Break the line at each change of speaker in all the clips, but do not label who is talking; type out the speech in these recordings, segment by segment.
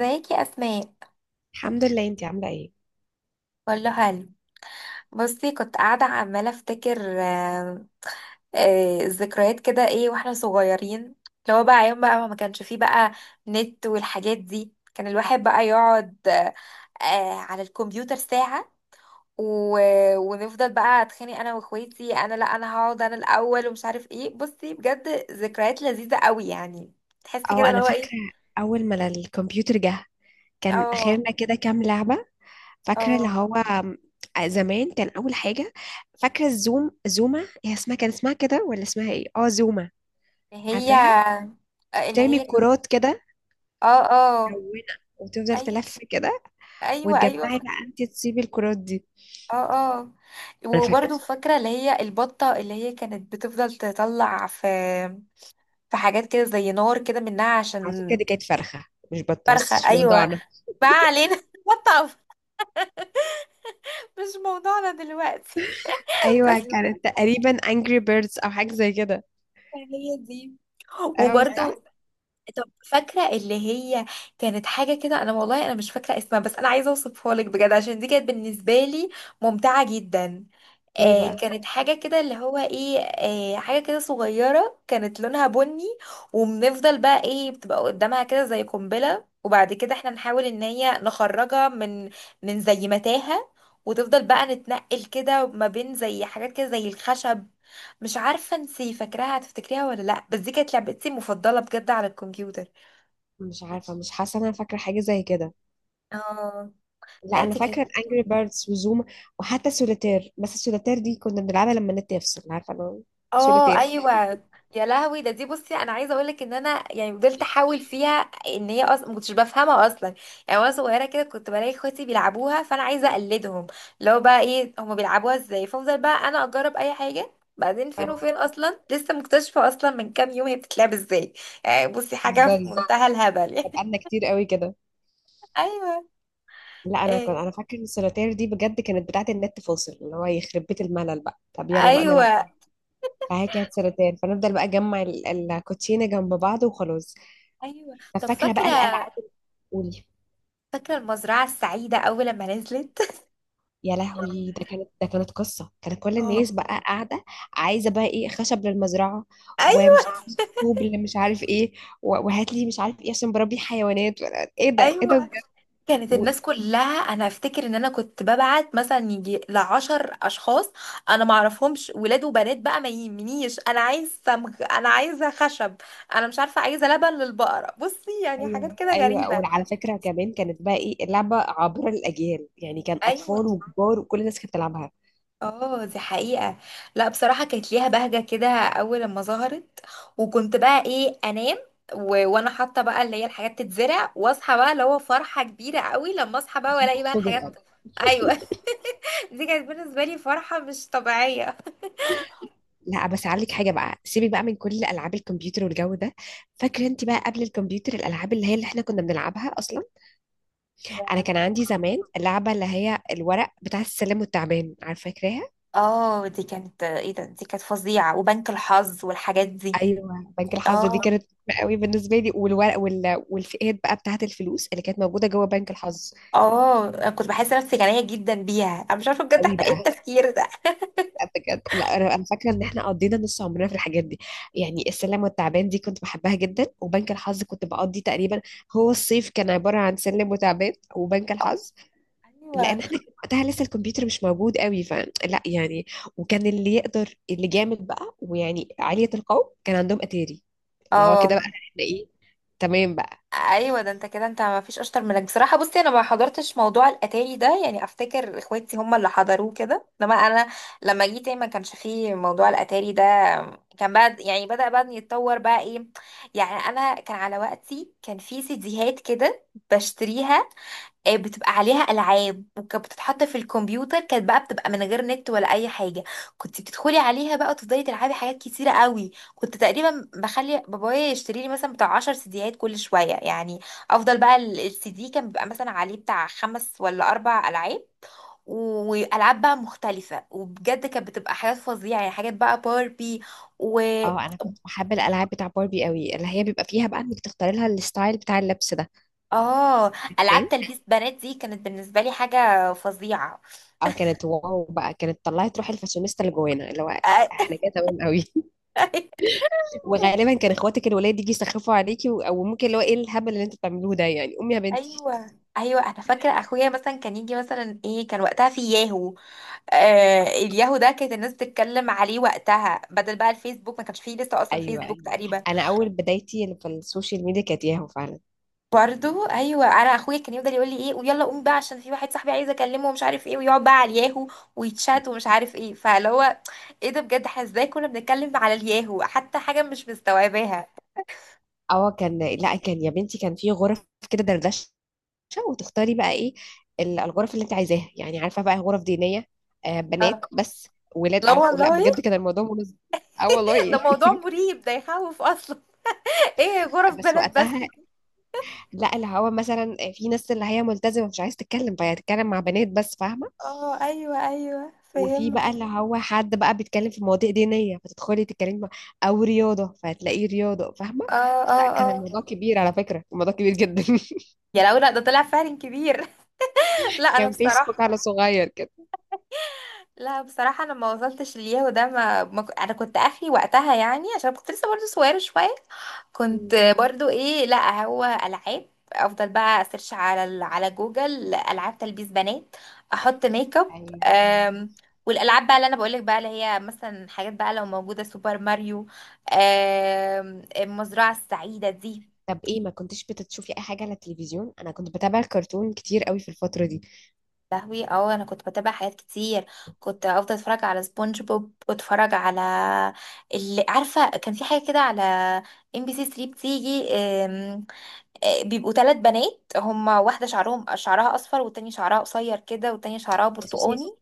ازيك يا اسماء؟
الحمد لله. انتي عاملة ايه؟
كله حلو. بصي كنت قاعده عماله افتكر. الذكريات كده، ايه واحنا صغيرين. اللي هو بقى ايام بقى ما كانش فيه بقى نت والحاجات دي. كان الواحد بقى يقعد على الكمبيوتر ساعه. و... ونفضل بقى اتخانق انا واخواتي، انا لا انا هقعد انا الاول، ومش عارف ايه. بصي بجد ذكريات لذيذه قوي يعني. تحسي كده
اه،
اللي
انا
هو ايه.
فاكرة اول ما الكمبيوتر جه كان
اه،
اخرنا كده كام لعبة. فاكرة اللي
اه،
هو زمان كان اول حاجة. فاكرة الزوم، زوما هي اسمها، كان اسمها كده ولا اسمها ايه؟ اه، زوما،
اللي
عارفاها؟
هي، آه، اللي
بترمي
هي
الكرات كده
اه، اه،
ملونة وتفضل
أيوة.
تلف كده،
ايوه، ايوه،
وتجمعي بقى انتي تصيبي الكرات دي.
اه، اه.
انا فاكرة.
وبرضو فاكره اللي هي البطه، اللي هي كانت بتفضل تطلع في في حاجات كده زي نار كده منها
على
عشان.
فكرة دي كانت فرخة مش بطة، بس
فرخه،
مش
ايوه.
موضوعنا.
ما علينا بطه، مش موضوعنا دلوقتي. بس
ايوه،
أيوة.
كانت تقريبا انجري بيردز او حاجة زي كده.
هي دي.
اه، صح؟
وبرضو، طب فاكره اللي هي كانت حاجه كده. انا والله انا مش فاكره اسمها، بس انا عايزه اوصفها لك بجد، عشان دي كانت بالنسبه لي ممتعه جدا.
ايه بقى؟
كانت حاجة كده اللي هو ايه، حاجة كده صغيرة كانت لونها بني. وبنفضل بقى ايه بتبقى قدامها كده زي قنبلة، وبعد كده احنا نحاول ان هي نخرجها من من زي متاهة. وتفضل بقى نتنقل كده ما بين زي حاجات كده زي الخشب. مش عارفة انتي فاكراها، هتفتكريها ولا لا؟ بس دي كانت لعبتي المفضلة بجد على الكمبيوتر.
مش عارفة، مش حاسة إن أنا فاكرة حاجة زي كده.
اه.
لا،
لا
أنا
دي كانت.
فاكرة أنجري بيردز وزوما، وحتى سوليتير، بس السوليتير دي كنا بنلعبها لما النت يفصل، عارفة؟ أنا
اه.
سوليتير.
ايوه. يا لهوي ده، دي بصي انا عايزه اقول لك ان انا يعني فضلت احاول فيها، ان هي اصلا ما كنتش بفهمها اصلا. يعني وانا صغيره كده كنت بلاقي اخواتي بيلعبوها، فانا عايزه اقلدهم لو بقى ايه هما بيلعبوها ازاي. فافضل بقى انا اجرب اي حاجه. بعدين فين
اه،
وفين، اصلا لسه مكتشفه اصلا من كام يوم هي بتتلعب ازاي. يعني بصي حاجه
بتهزري،
في منتهى الهبل
ده
يعني.
بقالنا كتير قوي كده.
ايوه.
لا، أنا كنت
إيه.
أنا فاكرة إن السوليتير دي بجد كانت بتاعة النت فاصل، اللي هو يخرب بيت الملل بقى، طب يلا بقى نلعب.
ايوه،
فهي كانت سوليتير، فنفضل بقى نجمع الكوتشينة جنب بعض وخلاص.
ايوه.
طب
طب
فاكرة بقى
فاكره،
الألعاب، قولي.
فاكره المزرعه السعيده اول لما نزلت.
يا لهوي، ده كانت قصة، كانت كل الناس
اه.
بقى قاعدة عايزة بقى ايه، خشب للمزرعة،
ايوه،
ومش عارف طوب، اللي مش عارف ايه، وهات لي مش عارف ايه عشان بربي حيوانات، ايه ده، ايه ده
ايوه.
بجد.
كانت
و...
الناس كلها. انا افتكر ان انا كنت ببعت مثلا يجي لـ 10 اشخاص انا معرفهمش، ولاد وبنات بقى ما يهمنيش. انا عايز سمغ، انا عايزه خشب، انا مش عارفه عايزه لبن للبقره. بصي يعني
ايوه
حاجات كده
ايوه،
غريبه.
وعلى فكرة كمان كانت بقى ايه، اللعبة عابرة للأجيال يعني، كان
ايوه.
أطفال وكبار وكل الناس كانت بتلعبها.
اه دي حقيقه. لا بصراحه كانت ليها بهجه كده اول لما ظهرت. وكنت بقى ايه انام وانا حاطه بقى اللي هي الحاجات تتزرع، واصحى بقى اللي هو فرحه كبيره قوي لما اصحى بقى
عشان
والاقي بقى
تحصد
الحاجات.
الأرض.
ايوه. دي كانت بالنسبة لي فرحة مش طبيعية.
لا، بس هقول لك حاجة بقى، سيبي بقى من كل ألعاب الكمبيوتر والجو ده، فاكرة انت بقى قبل الكمبيوتر الألعاب اللي احنا كنا بنلعبها أصلا؟ انا كان عندي زمان اللعبه اللي هي الورق بتاع السلم والتعبان، عارفه، فاكراها؟
اه دي كانت، ايه ده، دي كانت فظيعة. وبنك الحظ والحاجات دي.
ايوه، بنك الحظ دي
اه.
كانت مهمة قوي بالنسبه لي، والورق والفئات بقى بتاعه الفلوس اللي كانت موجوده جوه بنك الحظ.
اه، أنا كنت بحس نفسي غنية جدا بيها. انا مش عارفة بجد،
قوي
احنا ايه
بقى.
التفكير ده.
بجد، لا انا، أنا فاكره ان احنا قضينا نص عمرنا في الحاجات دي، يعني السلم والتعبان دي كنت بحبها جدا، وبنك الحظ كنت بقضي تقريبا، هو الصيف كان عباره عن سلم وتعبان وبنك الحظ، لان
ايوه.
احنا كان وقتها لسه الكمبيوتر مش موجود قوي، فلا يعني. وكان اللي يقدر، اللي جامد بقى ويعني عالية القوم، كان عندهم اتاري، اللي هو كده بقى
اه.
احنا ايه، تمام بقى.
ايوه ده، انت كده انت ما فيش اشطر منك بصراحه. بصي انا ما حضرتش موضوع الاتاري ده، يعني افتكر اخواتي هم اللي حضروه كده، انما انا لما جيت ما كانش فيه موضوع الاتاري ده. كان بقى يعني بدا بقى يتطور بقى ايه. يعني انا كان على وقتي كان في سيديهات كده بشتريها. بتبقى عليها العاب، وكانت بتتحط في الكمبيوتر. كانت بقى بتبقى من غير نت ولا اي حاجه. كنت بتدخلي عليها بقى وتفضلي تلعبي حاجات كتيره قوي. كنت تقريبا بخلي بابايا يشتري لي مثلا بتاع 10 سيديات كل شويه يعني. افضل بقى السي دي كان بيبقى مثلا عليه بتاع خمس ولا اربع العاب. والعاب بقى مختلفه، وبجد كانت بتبقى حاجات فظيعه، يعني حاجات بقى باربي و
اه، انا كنت بحب الالعاب بتاع باربي قوي، اللي هي بيبقى فيها بقى انك تختاري لها الستايل بتاع اللبس ده.
اه. العاب
تمام.
تلبيس بنات دي كانت بالنسبه لي حاجه فظيعه.
اه، كانت واو بقى، كانت طلعت روح الفاشونيستا اللي جوانا، اللي هو احنا كده تمام قوي. وغالبا كان اخواتك الولاد يجي يسخفوا عليكي، او ممكن اللي هو ايه، الهبل اللي انتوا بتعملوه ده يعني، امي يا بنتي.
ايوه. ايوه انا فاكره اخويا مثلا كان يجي مثلا ايه، كان وقتها في ياهو. الياهو ده كانت الناس بتتكلم عليه وقتها، بدل بقى الفيسبوك ما كانش فيه لسه اصلا
ايوه،
فيسبوك
ايوه.
تقريبا.
انا اول بدايتي اللي في السوشيال ميديا كانت ياهو فعلا.
برضو ايوه، انا اخويا كان يفضل يقول لي ايه، ويلا قوم بقى عشان في واحد صاحبي عايز اكلمه ومش عارف ايه، ويقعد بقى على الياهو ويتشات ومش عارف ايه. فاللي هو ايه ده بجد، احنا ازاي كنا بنتكلم على الياهو، حتى حاجه مش مستوعباها.
اه، كان، لا، كان يا بنتي، كان في غرف كده دردشه، وتختاري بقى ايه، الغرف اللي انت عايزاها، يعني عارفه بقى، غرف دينيه، آه،
اه.
بنات بس، ولاد،
لا
عارف؟ لا
والله.
بجد، كان الموضوع منظم. اه
ده
والله.
موضوع مريب، ده يخوف اصلا. ايه، غرف
بس
بلد بس؟
وقتها، لا، اللي هو مثلا في ناس اللي هي ملتزمه مش عايزه تتكلم، فهي هتتكلم مع بنات بس، فاهمه؟
اه ايوه، ايوه
وفي بقى
فهمت.
اللي هو حد بقى بيتكلم في مواضيع دينية، فتدخلي تتكلمي مع، أو رياضة، فهتلاقيه رياضة، فاهمة؟
اه، اه،
فلا، كان
اه.
الموضوع كبير، على فكرة الموضوع كبير جدا.
يا لو لا، ده طلع فعلا كبير. لا انا
كان فيسبوك
بصراحه.
على صغير كده.
لا بصراحه انا ما وصلتش للياهو ده، ما, ما ك- انا كنت اخري وقتها يعني، عشان كنت لسه برضه صغيره شويه.
مم.
كنت برضه ايه، لا هو العاب. افضل بقى اسيرش على على جوجل العاب تلبيس بنات، احط ميك اب.
أيوة، أيوة.
أم، والالعاب بقى اللي انا بقولك بقى اللي هي مثلا حاجات بقى لو موجوده، سوبر ماريو، المزرعه السعيده دي.
طب ايه، ما كنتش بتشوفي اي حاجه على التلفزيون؟ انا كنت بتابع كرتون كتير قوي في الفتره دي.
لهوي، اه انا كنت بتابع حاجات كتير. كنت افضل اتفرج على سبونج بوب واتفرج على اللي عارفه كان في حاجه كده على ام بي سي 3 بتيجي. أم، آه، بيبقوا ثلاث بنات هما، واحده شعرهم شعرها اصفر، والتانية شعرها قصير كده، والتانية شعرها
اساسي.
برتقاني.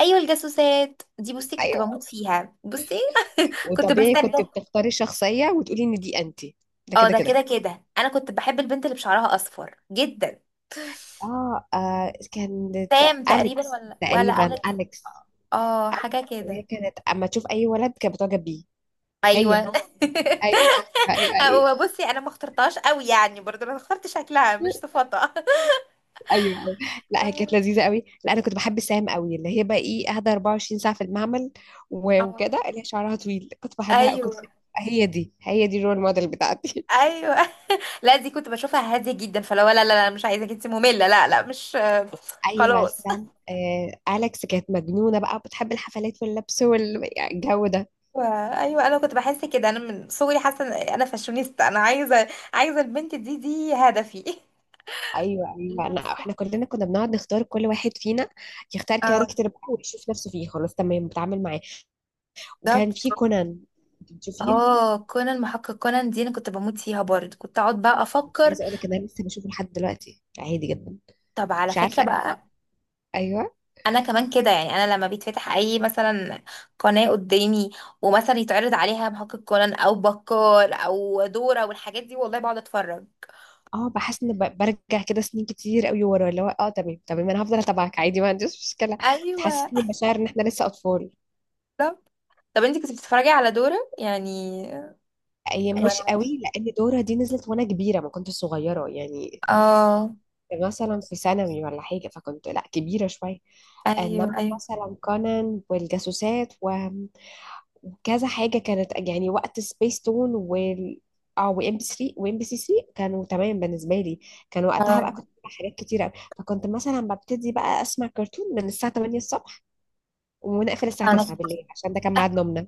ايوه، الجاسوسات دي بصي كنت
ايوه،
بموت فيها. بصي كنت
وطبيعي
بستنى.
كنت بتختاري شخصيه وتقولي ان دي انت. ده
اه
كده
ده
كده.
كده كده. انا كنت بحب البنت اللي بشعرها اصفر جدا.
اه، كانت
سام تقريبا
اليكس
ولا
تقريبا،
اليكس.
اليكس.
اه حاجه
هي
كده.
كانت اما تشوف اي ولد كانت بتعجب بيه، هي. ايوه،
ايوه.
ايوه، ايوه، ايوه.
هو بصي انا ما اخترتهاش قوي يعني، برضه انا اخترت شكلها مش صفاتها.
أيوة. لا، هي كانت
اه.
لذيذه قوي. لا، انا كنت بحب سام قوي، اللي هي بقى ايه، قاعده 24 ساعه في المعمل،
آه.
وكده، اللي هي شعرها طويل، كنت بحبها،
ايوه.
هي دي الرول موديل بتاعتي.
ايوه. لا دي كنت بشوفها هاديه جدا، فلو لا لا لا مش عايزاك انت ممله. لا لا مش.
ايوه،
خلاص.
سام، اليكس كانت مجنونه بقى، بتحب الحفلات واللبس والجو ده.
ايوه. أيوة، انا كنت بحس كده انا من صغري حاسه إن انا فاشونيستا، انا عايزه، عايزه البنت دي دي هدفي.
ايوه ايوه،
لا
لا احنا
صح.
كلنا كنا بنقعد نختار، كل واحد فينا يختار
اه
كاركتر بقى ويشوف نفسه فيه، خلاص تمام، بتعامل معاه. وكان
بالظبط.
في كونان، بتشوفيه؟
اه كونان، محقق كونان دي انا كنت بموت فيها برضه. كنت اقعد بقى
مش
افكر.
عايزه اقول لك ان انا لسه بشوفه لحد دلوقتي عادي جدا.
طب على
مش
فكره
عارفه.
بقى،
ايوه.
انا كمان كده يعني. انا لما بيتفتح اي مثلا قناه قدامي، ومثلا يتعرض عليها محقق كونان او بكار او دورة والحاجات دي، والله بقعد اتفرج.
اه، بحس ان برجع كده سنين كتير قوي ورا، اللي هو اه، تمام تمام، انا هفضل اتابعك عادي، ما عنديش مشكله،
ايوه.
تحسسني بمشاعر ان احنا لسه اطفال.
طب، طب انت كنت بتتفرجي على دورة يعني؟
ايام مش قوي، لان دورة دي نزلت وانا كبيره، ما كنتش صغيره يعني،
اه.
مثلا في ثانوي ولا حاجه، فكنت لا، كبيره شويه. انما
ايوه، ايوه.
مثلا كونان والجاسوسات، و وكذا حاجة كانت يعني وقت سبيس تون اه، وام بي 3 وام بي سي 3 كانوا تمام بالنسبة لي. كان وقتها بقى
اه.
كنت بتابع حاجات كتيرة أوي، فكنت مثلا ببتدي بقى اسمع كرتون من الساعة 8 الصبح، ونقفل الساعة 9 بالليل، عشان ده كان ميعاد نومنا.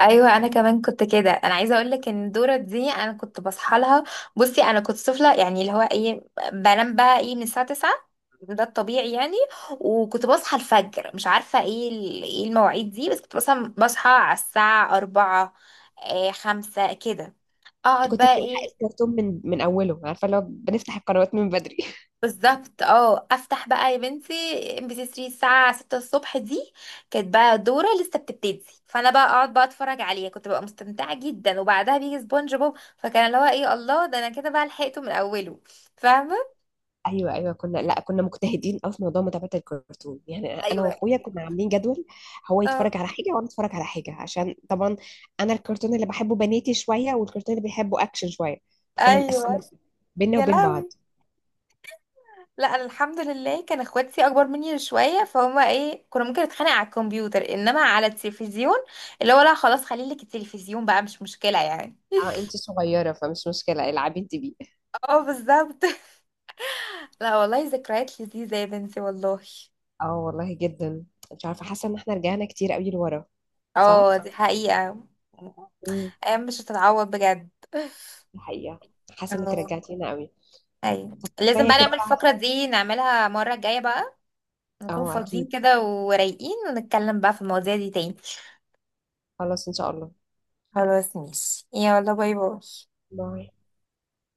ايوه انا كمان كنت كده. انا عايزه اقول لك ان دورة دي انا كنت بصحى لها. بصي انا كنت طفله يعني، اللي هو ايه، بنام بقى ايه من الساعه 9، ده الطبيعي يعني. وكنت بصحى الفجر، مش عارفه ايه ايه المواعيد دي، بس كنت مثلا بصحى على الساعه 4، 5 كده.
كنت
اقعد
كنت
بقى
بنلحق
ايه.
الكرتون من اوله، عارفة؟ لو بنفتح القنوات من بدري.
بالظبط. اه افتح بقى يا بنتي، ام بي سي 3 الساعه 6 الصبح دي كانت بقى دوره لسه بتبتدي، فانا بقى اقعد بقى اتفرج عليها كنت ببقى مستمتعه جدا. وبعدها بيجي سبونج بوب، فكان اللي هو ايه الله، ده انا كده بقى لحقته من اوله، فاهمه؟
ايوه، ايوه، كنا، لا، كنا مجتهدين قوي في موضوع متابعه الكرتون، يعني انا
ايوه.
واخويا كنا عاملين جدول، هو يتفرج
اه.
على حاجه وانا اتفرج على حاجه، عشان طبعا انا الكرتون اللي بحبه بناتي شويه، والكرتون اللي بيحبه اكشن شويه، فكنا
ايوه.
مقسمين بينا
يا
وبين بعض.
لهوي. لا انا الحمد لله كان اخواتي اكبر مني شويه، فهم ايه، كنا ممكن نتخانق على الكمبيوتر انما على التلفزيون، اللي هو لا خلاص خليلك التلفزيون بقى مش مشكله يعني.
اه، انت صغيره فمش مشكله، العبي انت بيه.
اه بالظبط. لا والله ذكريات لذيذة يا بنتي والله.
اه والله، جدا. مش عارفه، حاسه ان احنا رجعنا كتير قوي لورا.
اه
صح.
دي حقيقة.
امم.
ايام مش هتتعوض بجد.
الحقيقه، حاسه انك
اه.
رجعتينا قوي.
ايوه.
طب
لازم
كفايه
بقى
كده
نعمل
بقى.
الفقرة دي نعملها المرة الجاية بقى، نكون
اه
فاضيين
اكيد،
كده ورايقين، ونتكلم بقى في المواضيع دي تاني.
خلاص ان شاء الله.
خلاص ماشي، يلا باي باي.
باي.